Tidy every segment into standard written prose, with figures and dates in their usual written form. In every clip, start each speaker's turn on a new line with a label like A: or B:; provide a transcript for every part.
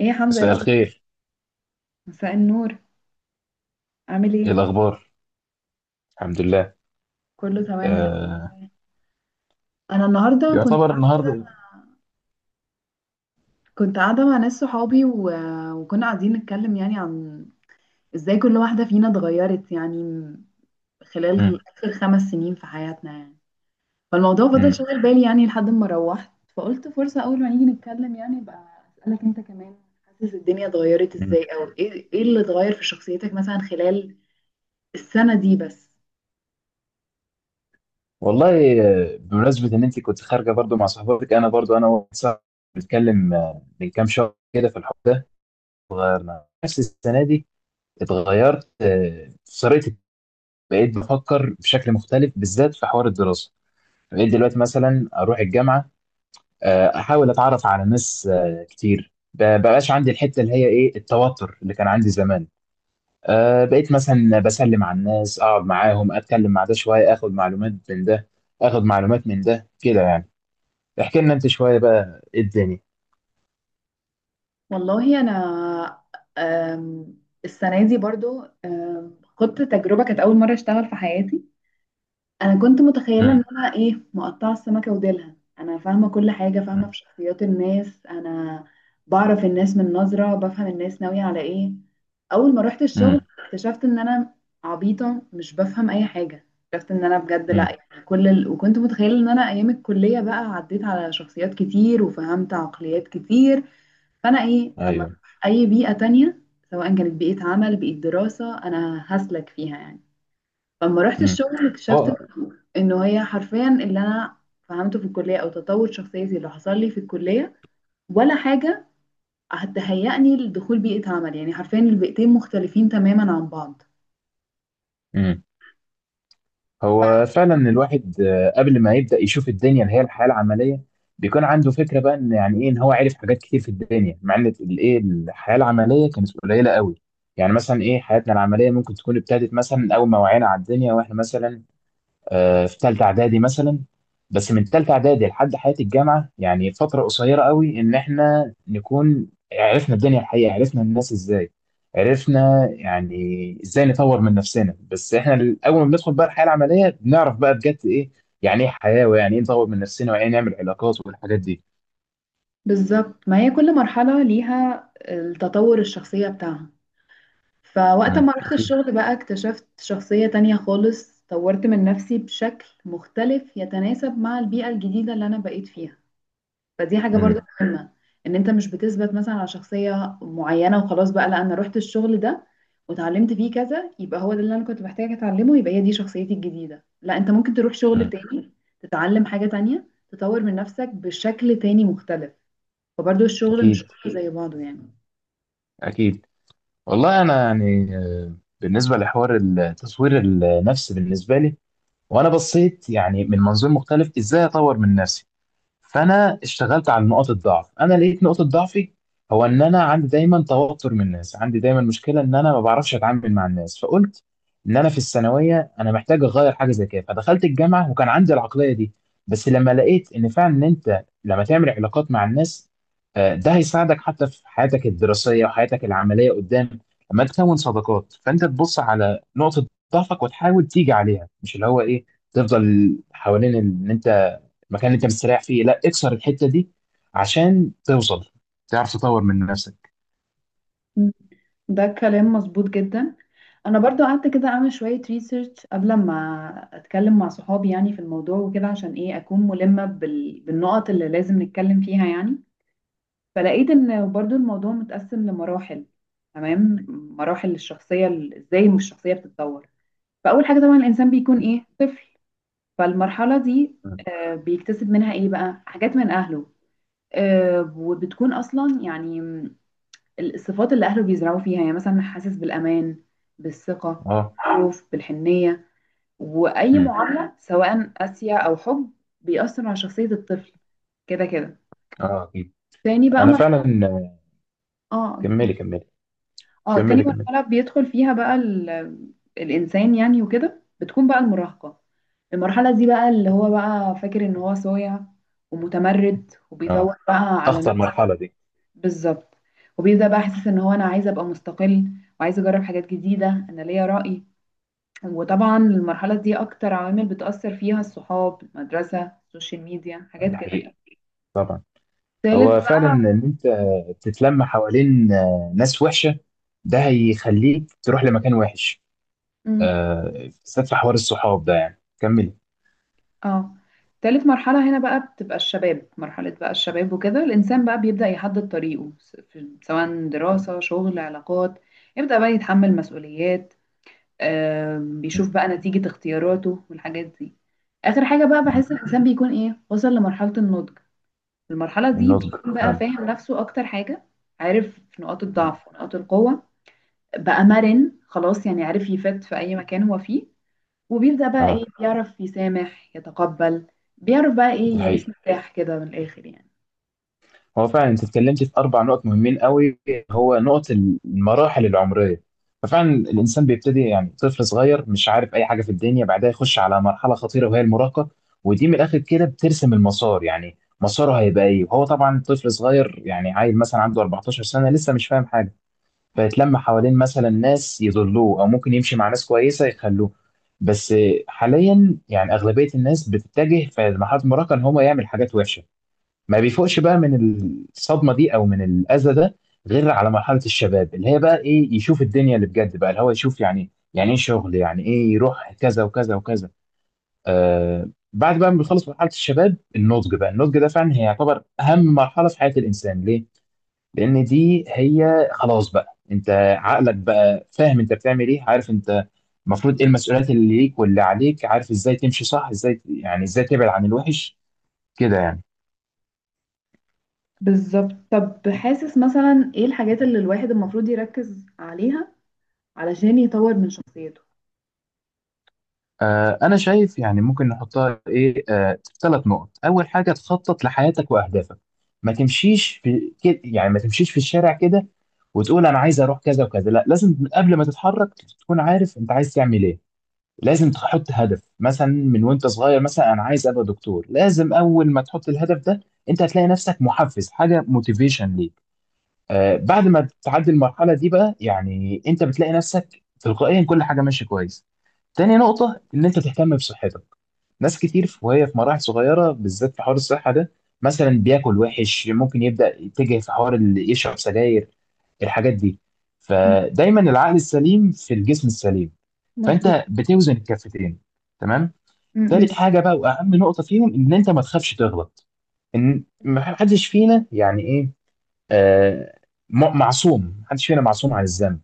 A: ايه يا حمزة يا
B: مساء
A: الأخبار؟
B: الخير.
A: مساء النور. عامل
B: ايه
A: ايه؟
B: الاخبار؟ الحمد لله.
A: كله تمام، الحمد
B: آه.
A: لله. انا النهارده كنت
B: يعتبر
A: قاعده كده،
B: النهارده.
A: كنت قاعده مع ناس صحابي، وكنا قاعدين نتكلم يعني عن ازاي كل واحده فينا اتغيرت يعني خلال
B: مم.
A: اخر 5 سنين في حياتنا يعني. فالموضوع فضل
B: مم.
A: شغال بالي يعني لحد ما روحت، فقلت فرصه اول ما نيجي نتكلم يعني بقى اسالك انت كمان. حاسس الدنيا اتغيرت
B: مم.
A: ازاي، او ايه اللي اتغير في شخصيتك مثلا خلال السنه دي بس؟
B: والله بمناسبه ان انت كنت خارجه برضو مع صحباتك، انا برضو انا واحد صاحبي بنتكلم من كام شهر كده في الحوار ده. اتغيرنا نفس السنه دي. اتغيرت طريقتي. بقيت بفكر بشكل مختلف بالذات في حوار الدراسه. بقيت دلوقتي مثلا اروح الجامعه، احاول اتعرف على ناس كتير. بقاش عندي الحته اللي هي ايه التوتر اللي كان عندي زمان. بقيت مثلا بسلم على الناس، اقعد معاهم، اتكلم مع ده شويه، اخد معلومات من ده، اخد معلومات من ده كده يعني. احكي لنا انت شويه بقى ايه الدنيا.
A: والله انا، أم، السنه دي برضو خدت تجربه، كانت اول مره اشتغل في حياتي. انا كنت متخيله ان
B: امم.
A: انا ايه مقطعه السمكه وديلها، انا فاهمه كل حاجه، فاهمه
B: امم.
A: في شخصيات الناس، انا بعرف الناس من نظره، بفهم الناس ناويه على ايه. اول ما رحت الشغل
B: امم.
A: اكتشفت ان انا عبيطه، مش بفهم اي حاجه. اكتشفت ان انا بجد لا،
B: أمم.
A: يعني وكنت متخيله ان انا ايام الكليه بقى عديت على شخصيات كتير وفهمت عقليات كتير، فانا ايه اما
B: ايوه.
A: اروح اي بيئه تانية سواء كانت بيئه عمل، بيئه دراسه، انا هسلك فيها يعني. فلما رحت
B: امم.
A: الشغل اكتشفت
B: هو.
A: انه هي حرفيا اللي انا فهمته في الكليه او تطور شخصيتي اللي حصل لي في الكليه ولا حاجه هتهيئني لدخول بيئه عمل، يعني حرفيا البيئتين مختلفين تماما عن بعض.
B: امم. هو فعلا الواحد قبل ما يبدا يشوف الدنيا اللي هي الحياه العمليه، بيكون عنده فكره بقى ان يعني ايه ان هو عارف حاجات كتير في الدنيا، مع ان الايه الحياه العمليه كانت قليله قوي. يعني مثلا ايه حياتنا العمليه ممكن تكون ابتدت مثلا اول ما وعينا على الدنيا، واحنا مثلا في ثالثه اعدادي مثلا. بس من ثالثه اعدادي لحد حياه الجامعه، يعني فتره قصيره قوي ان احنا نكون عرفنا الدنيا الحقيقه، عرفنا الناس ازاي، عرفنا يعني ازاي نطور من نفسنا. بس احنا اول ما بندخل بقى الحياه العمليه بنعرف بقى بجد ايه يعني ايه حياه، ويعني ايه نطور من نفسنا، ويعني ايه نعمل علاقات والحاجات دي.
A: بالظبط، ما هي كل مرحله ليها التطور الشخصيه بتاعها. فوقت
B: امم،
A: ما رحت
B: اكيد.
A: الشغل بقى اكتشفت شخصية تانية خالص، طورت من نفسي بشكل مختلف يتناسب مع البيئة الجديدة اللي أنا بقيت فيها. فدي حاجة برضو
B: امم.
A: مهمة، إن أنت مش بتثبت مثلا على شخصية معينة وخلاص بقى. لا، أنا رحت الشغل ده وتعلمت فيه كذا، يبقى هو ده اللي أنا كنت محتاجة أتعلمه، يبقى هي دي شخصيتي الجديدة. لا، أنت ممكن تروح شغل
B: امم،
A: تاني، تتعلم حاجة تانية، تطور من نفسك بشكل تاني مختلف. فبرضو الشغل مش
B: اكيد.
A: كله زي بعضه يعني.
B: اكيد. والله انا يعني بالنسبه لحوار التصوير النفسي بالنسبه لي، وانا بصيت يعني من منظور مختلف ازاي اطور من نفسي، فانا اشتغلت على نقاط الضعف. انا لقيت نقطة ضعفي هو ان انا عندي دايما توتر من الناس، عندي دايما مشكلة ان انا ما بعرفش اتعامل مع الناس. فقلت ان انا في الثانوية انا محتاج اغير حاجة زي كده، فدخلت الجامعة وكان عندي العقلية دي. بس لما لقيت ان فعلا ان انت لما تعمل علاقات مع الناس ده هيساعدك حتى في حياتك الدراسية وحياتك العملية قدام. لما تكون صداقات فانت تبص على نقطة ضعفك وتحاول تيجي عليها، مش اللي هو ايه تفضل حوالين ان انت المكان اللي انت مستريح فيه. لا، اكسر الحته دي عشان توصل، تعرف تطور من نفسك.
A: م. ده كلام مظبوط جدا. انا برضو قعدت كده اعمل شوية ريسيرش قبل ما اتكلم مع صحابي يعني في الموضوع وكده، عشان ايه اكون ملمة بالنقط اللي لازم نتكلم فيها يعني. فلقيت ان برضو الموضوع متقسم لمراحل. تمام، مراحل الشخصية، ازاي الشخصية بتتطور. فاول حاجة طبعا الانسان بيكون ايه طفل. فالمرحلة دي
B: مم.
A: بيكتسب منها ايه بقى حاجات من اهله، وبتكون اصلا يعني الصفات اللي اهله بيزرعوا فيها، يعني مثلا حاسس بالامان، بالثقة،
B: اه.
A: بالخوف، بالحنية. واي
B: امم.
A: معامله سواء قاسيه او حب بيأثر على شخصيه الطفل كده كده.
B: اه، اكيد.
A: تاني بقى
B: انا فعلا.
A: مرحله. اه.
B: كملي كملي.
A: اه، تاني
B: كملي كملي.
A: مرحله بيدخل فيها بقى الانسان يعني وكده، بتكون بقى المراهقه. المرحله دي بقى اللي هو بقى فاكر ان هو صايع ومتمرد
B: اه.
A: وبيدور بقى على
B: اخطر
A: نفسه.
B: مرحله دي.
A: بالظبط. وبيبدا بقى حاسس ان هو انا عايز ابقى مستقل، وعايز اجرب حاجات جديده، انا ليا رأي. وطبعا المرحله دي اكتر عوامل بتأثر فيها الصحاب، المدرسه، السوشيال ميديا، حاجات
B: دي
A: كده
B: حقيقه.
A: يعني.
B: طبعا.
A: تالت
B: هو فعلا
A: بقى.
B: ان انت تتلم حوالين ناس وحشه، ده هيخليك تروح لمكان وحش.
A: مم.
B: بالذات في حوار الصحاب ده، يعني كملي.
A: اه، تالت مرحلة هنا بقى بتبقى الشباب. مرحلة بقى الشباب وكده الإنسان بقى بيبدأ يحدد طريقه، سواء دراسة، شغل، علاقات. يبدأ بقى يتحمل مسؤوليات،
B: مم.
A: بيشوف بقى نتيجة اختياراته والحاجات دي. آخر حاجة بقى
B: مم.
A: بحس الإنسان بيكون إيه وصل لمرحلة النضج. في المرحلة دي
B: النضج
A: بيكون بقى
B: فعلا.
A: فاهم نفسه أكتر حاجة، عارف نقاط
B: مم.
A: الضعف ونقاط القوة، بقى مرن خلاص يعني، عارف يفت في أي مكان هو فيه. وبيبدأ بقى إيه
B: اه.
A: بيعرف يسامح، يتقبل، بيعرف بقى
B: دي
A: إيه يعيش
B: حقيقه.
A: مرتاح كده من الآخر يعني.
B: هو فعلا انت اتكلمت في اربع نقط مهمين قوي، هو نقط المراحل العمريه. ففعلا الانسان بيبتدي يعني طفل صغير، مش عارف اي حاجه في الدنيا، بعدها يخش على مرحله خطيره وهي المراهقه. ودي من الاخر كده بترسم المسار، يعني مساره هيبقى ايه، وهو طبعا طفل صغير يعني عيل مثلا عنده 14 سنه، لسه مش فاهم حاجه، فيتلم حوالين مثلا ناس يضلوه، او ممكن يمشي مع ناس كويسه يخلوه. بس حاليا يعني اغلبيه الناس بتتجه في مرحله المراهقه ان هو يعمل حاجات وحشه، ما بيفوقش بقى من الصدمه دي او من الاذى ده، غير على مرحله الشباب اللي هي بقى ايه يشوف الدنيا اللي بجد بقى، اللي هو يشوف يعني يعني ايه شغل، يعني ايه يروح كذا وكذا وكذا. بعد بقى ما بيخلص مرحله الشباب، النضج بقى. النضج ده فعلا هي يعتبر اهم مرحله في حياه الانسان، ليه؟ لان دي هي خلاص بقى انت عقلك بقى فاهم انت بتعمل ايه، عارف انت المفروض ايه المسؤوليات اللي ليك واللي عليك، عارف ازاي تمشي صح، ازاي يعني ازاي تبعد عن الوحش كده يعني.
A: بالظبط. طب حاسس مثلا إيه الحاجات اللي الواحد المفروض يركز عليها علشان يطور من شخصيته؟
B: أنا شايف يعني ممكن نحطها إيه ثلاث نقط. أول حاجة تخطط لحياتك وأهدافك، ما تمشيش في كده، يعني ما تمشيش في الشارع كده وتقول أنا عايز أروح كذا وكذا، لا لازم قبل ما تتحرك تكون عارف أنت عايز تعمل إيه. لازم تحط هدف، مثلا من وأنت صغير مثلا أنا عايز أبقى دكتور، لازم أول ما تحط الهدف ده أنت هتلاقي نفسك محفز، حاجة موتيفيشن ليك. بعد ما بتعدي المرحله دي بقى، يعني انت بتلاقي نفسك تلقائيا كل حاجه ماشيه كويس. تاني نقطه ان انت تهتم بصحتك. ناس كتير وهي في مراحل صغيره بالذات في حوار الصحه ده، مثلا بياكل وحش، ممكن يبدا يتجه في حوار اللي يشرب سجاير، الحاجات دي.
A: م-
B: فدايما العقل السليم في الجسم السليم،
A: مظبوط.
B: فانت بتوزن الكفتين. تمام.
A: م-
B: تالت
A: م-
B: حاجه بقى واهم نقطه فيهم ان انت ما تخافش تغلط، ان ما حدش فينا يعني إيه، آه، معصوم. محدش فينا معصوم عن الذنب،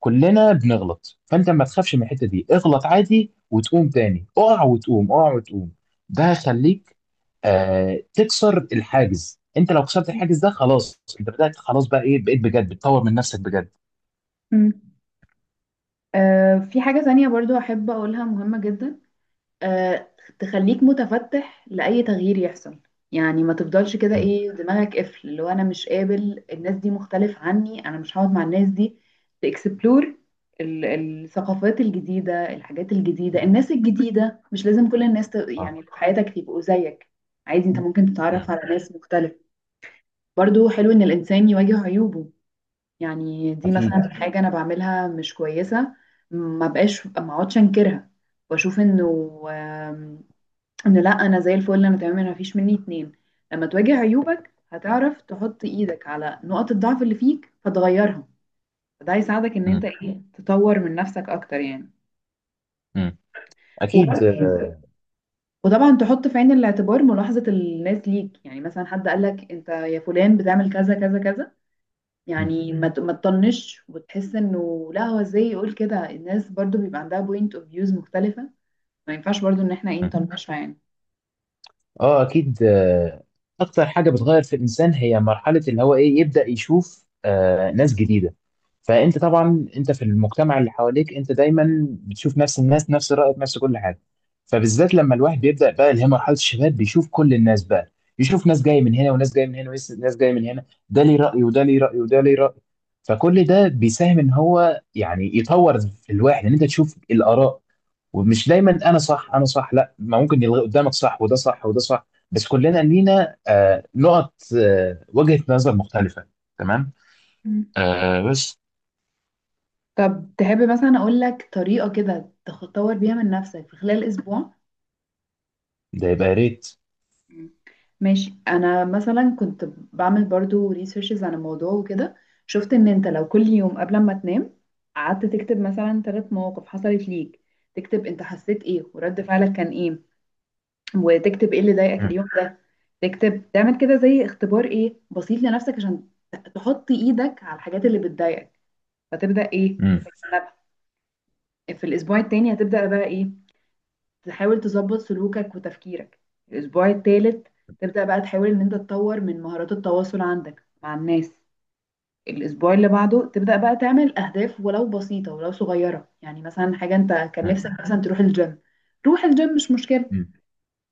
B: كلنا بنغلط. فانت ما تخافش من الحته دي، اغلط عادي وتقوم تاني، اقع وتقوم، اقع وتقوم. ده هيخليك تكسر الحاجز. انت لو كسرت
A: م-
B: الحاجز ده خلاص، انت بدأت خلاص بقى ايه، بقيت بجد بتطور من نفسك بجد.
A: م- في حاجة تانية برضو أحب أقولها مهمة جدا، آه، تخليك متفتح لأي تغيير يحصل. يعني ما تفضلش كده
B: مم.
A: ايه دماغك قفل، اللي هو انا مش قابل، الناس دي مختلف عني، انا مش هقعد مع الناس دي. تكسبلور الثقافات الجديدة، الحاجات الجديدة، الناس الجديدة. مش لازم كل الناس
B: اه.
A: يعني في حياتك يبقوا زيك، عادي انت ممكن تتعرف
B: مم.
A: على ناس مختلف. برضو حلو ان الانسان يواجه عيوبه، يعني دي
B: اكيد.
A: مثلا حاجة انا بعملها مش كويسة، ما بقاش ما اقعدش انكرها واشوف انه لا انا زي الفل، انا تمام، انا مفيش مني اتنين. لما تواجه عيوبك هتعرف تحط ايدك على نقط الضعف اللي فيك فتغيرها، فده هيساعدك ان انت
B: مم.
A: ايه تطور من نفسك اكتر يعني.
B: مم. اكيد.
A: وبرضه وطبعا تحط في عين الاعتبار ملاحظة الناس ليك، يعني مثلا حد قالك انت يا فلان بتعمل كذا كذا كذا،
B: مم.
A: يعني ما تطنش وتحس انه لا هو ازاي يقول كده. الناس برضو بيبقى عندها بوينت اوف فيوز مختلفة، ما ينفعش برضو ان احنا ايه
B: مم.
A: نطنشها يعني.
B: اه، اكيد. اكتر حاجه بتغير في الانسان هي مرحله اللي هو ايه يبدا يشوف ناس جديده. فانت طبعا انت في المجتمع اللي حواليك انت دايما بتشوف نفس الناس، نفس رايك، نفس كل حاجه. فبالذات لما الواحد بيبدا بقى اللي هي مرحله الشباب، بيشوف كل الناس بقى، يشوف ناس جايه من هنا وناس جايه من هنا وناس جايه من هنا، ده ليه راي وده ليه راي وده ليه راي. فكل ده بيساهم ان هو يعني يطور في الواحد ان انت تشوف الاراء، ومش دايما انا صح انا صح، لا ما ممكن يلغي قدامك صح وده صح وده صح. بس كلنا لينا نقط وجهة نظر مختلفة. تمام. بس
A: طب تحب مثلا اقول لك طريقة كده تطور بيها من نفسك في خلال اسبوع؟
B: ده يبقى يا ريت.
A: مم. ماشي. انا مثلا كنت بعمل برضو ريسيرشز عن الموضوع وكده، شفت ان انت لو كل يوم قبل ما تنام قعدت تكتب مثلا ثلاث مواقف حصلت ليك، تكتب انت حسيت ايه، ورد فعلك كان ايه، وتكتب ايه اللي ضايقك
B: مم.
A: اليوم ده. تكتب، تعمل كده زي اختبار ايه بسيط لنفسك عشان تحط ايدك على الحاجات اللي بتضايقك فتبدأ ايه
B: مم.
A: تتجنبها. في الاسبوع التاني هتبدأ بقى ايه تحاول تظبط سلوكك وتفكيرك. الأسبوع الثالث تبدأ بقى تحاول إن أنت تطور من مهارات التواصل عندك مع الناس. الأسبوع اللي بعده تبدأ بقى تعمل أهداف ولو بسيطة ولو صغيرة، يعني مثلا حاجة أنت كان
B: مم.
A: نفسك مثلا تروح الجيم، روح الجيم مش مشكلة،
B: مم.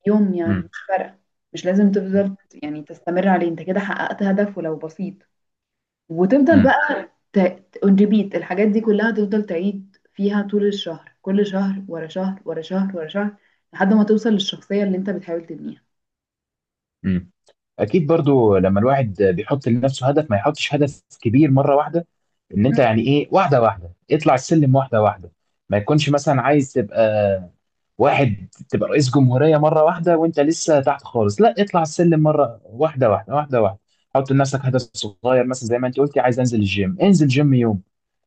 A: يوم يعني
B: مم.
A: مش فارقة، مش لازم تفضل يعني تستمر عليه، أنت كده حققت هدف ولو بسيط. وتفضل
B: مم.
A: بقى اون ريبيت الحاجات دي كلها، تفضل تعيد فيها طول الشهر، كل شهر ورا شهر ورا شهر ورا شهر، لحد ما توصل للشخصية اللي انت بتحاول تبنيها.
B: مم. اكيد برضو لما الواحد بيحط لنفسه هدف ما يحطش هدف كبير مرة واحدة، ان انت
A: مم.
B: يعني ايه واحدة واحدة اطلع السلم واحدة واحدة. ما يكونش مثلا عايز تبقى واحد تبقى رئيس جمهورية مرة واحدة وانت لسه تحت خالص. لا، اطلع السلم مرة واحدة واحدة واحدة واحدة. حط لنفسك هدف صغير، مثلا زي ما انت قلتي عايز انزل الجيم، انزل جيم يوم.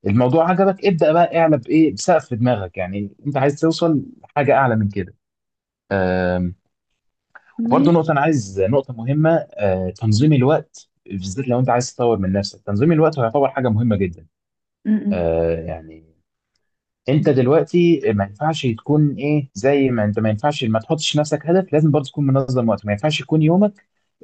B: الموضوع عجبك ابدأ بقى اعلى بايه بسقف في دماغك، يعني انت عايز توصل حاجة اعلى من كده. أم، وبرضه
A: ماشي.
B: نقطة، انا عايز نقطة مهمة،
A: م-
B: تنظيم الوقت، بالذات لو انت عايز تطور من نفسك تنظيم الوقت هيعتبر حاجة مهمة جدا.
A: م.
B: يعني انت دلوقتي ما ينفعش تكون ايه زي ما انت، ما ينفعش ما تحطش لنفسك هدف، لازم برضه تكون منظم وقتك. ما ينفعش يكون يومك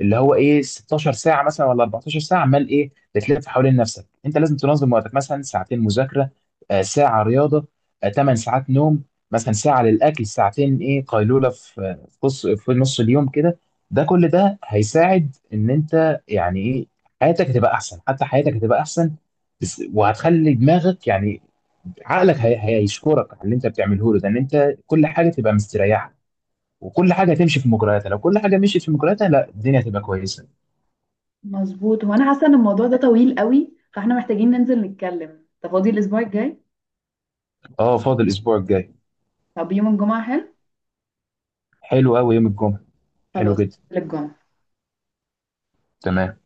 B: اللي هو ايه 16 ساعه مثلا ولا 14 ساعه عمال ايه بتلف حوالين نفسك. انت لازم تنظم وقتك، مثلا ساعتين مذاكره، ساعه رياضه، 8 ساعات نوم، مثلا ساعه للاكل، ساعتين ايه قيلوله في في نص في نص اليوم كده. ده كل ده هيساعد ان انت يعني ايه حياتك هتبقى احسن، حتى حياتك هتبقى احسن بس. وهتخلي دماغك يعني عقلك هيشكرك على اللي انت بتعمله له ده، ان انت كل حاجه تبقى مستريحه وكل حاجه تمشي في مجرياتها. لو كل حاجه مشيت في مجرياتها، لا الدنيا هتبقى كويسه.
A: مظبوط. هو انا حاسة ان الموضوع ده طويل قوي، فاحنا محتاجين ننزل نتكلم. انت فاضي الاسبوع الجاي؟
B: اه، فاضل الاسبوع الجاي.
A: طب يوم الجمعة حلو؟
B: حلو قوي يوم الجمعه، حلو
A: خلاص،
B: جدا.
A: ننزل الجمعة.
B: تمام.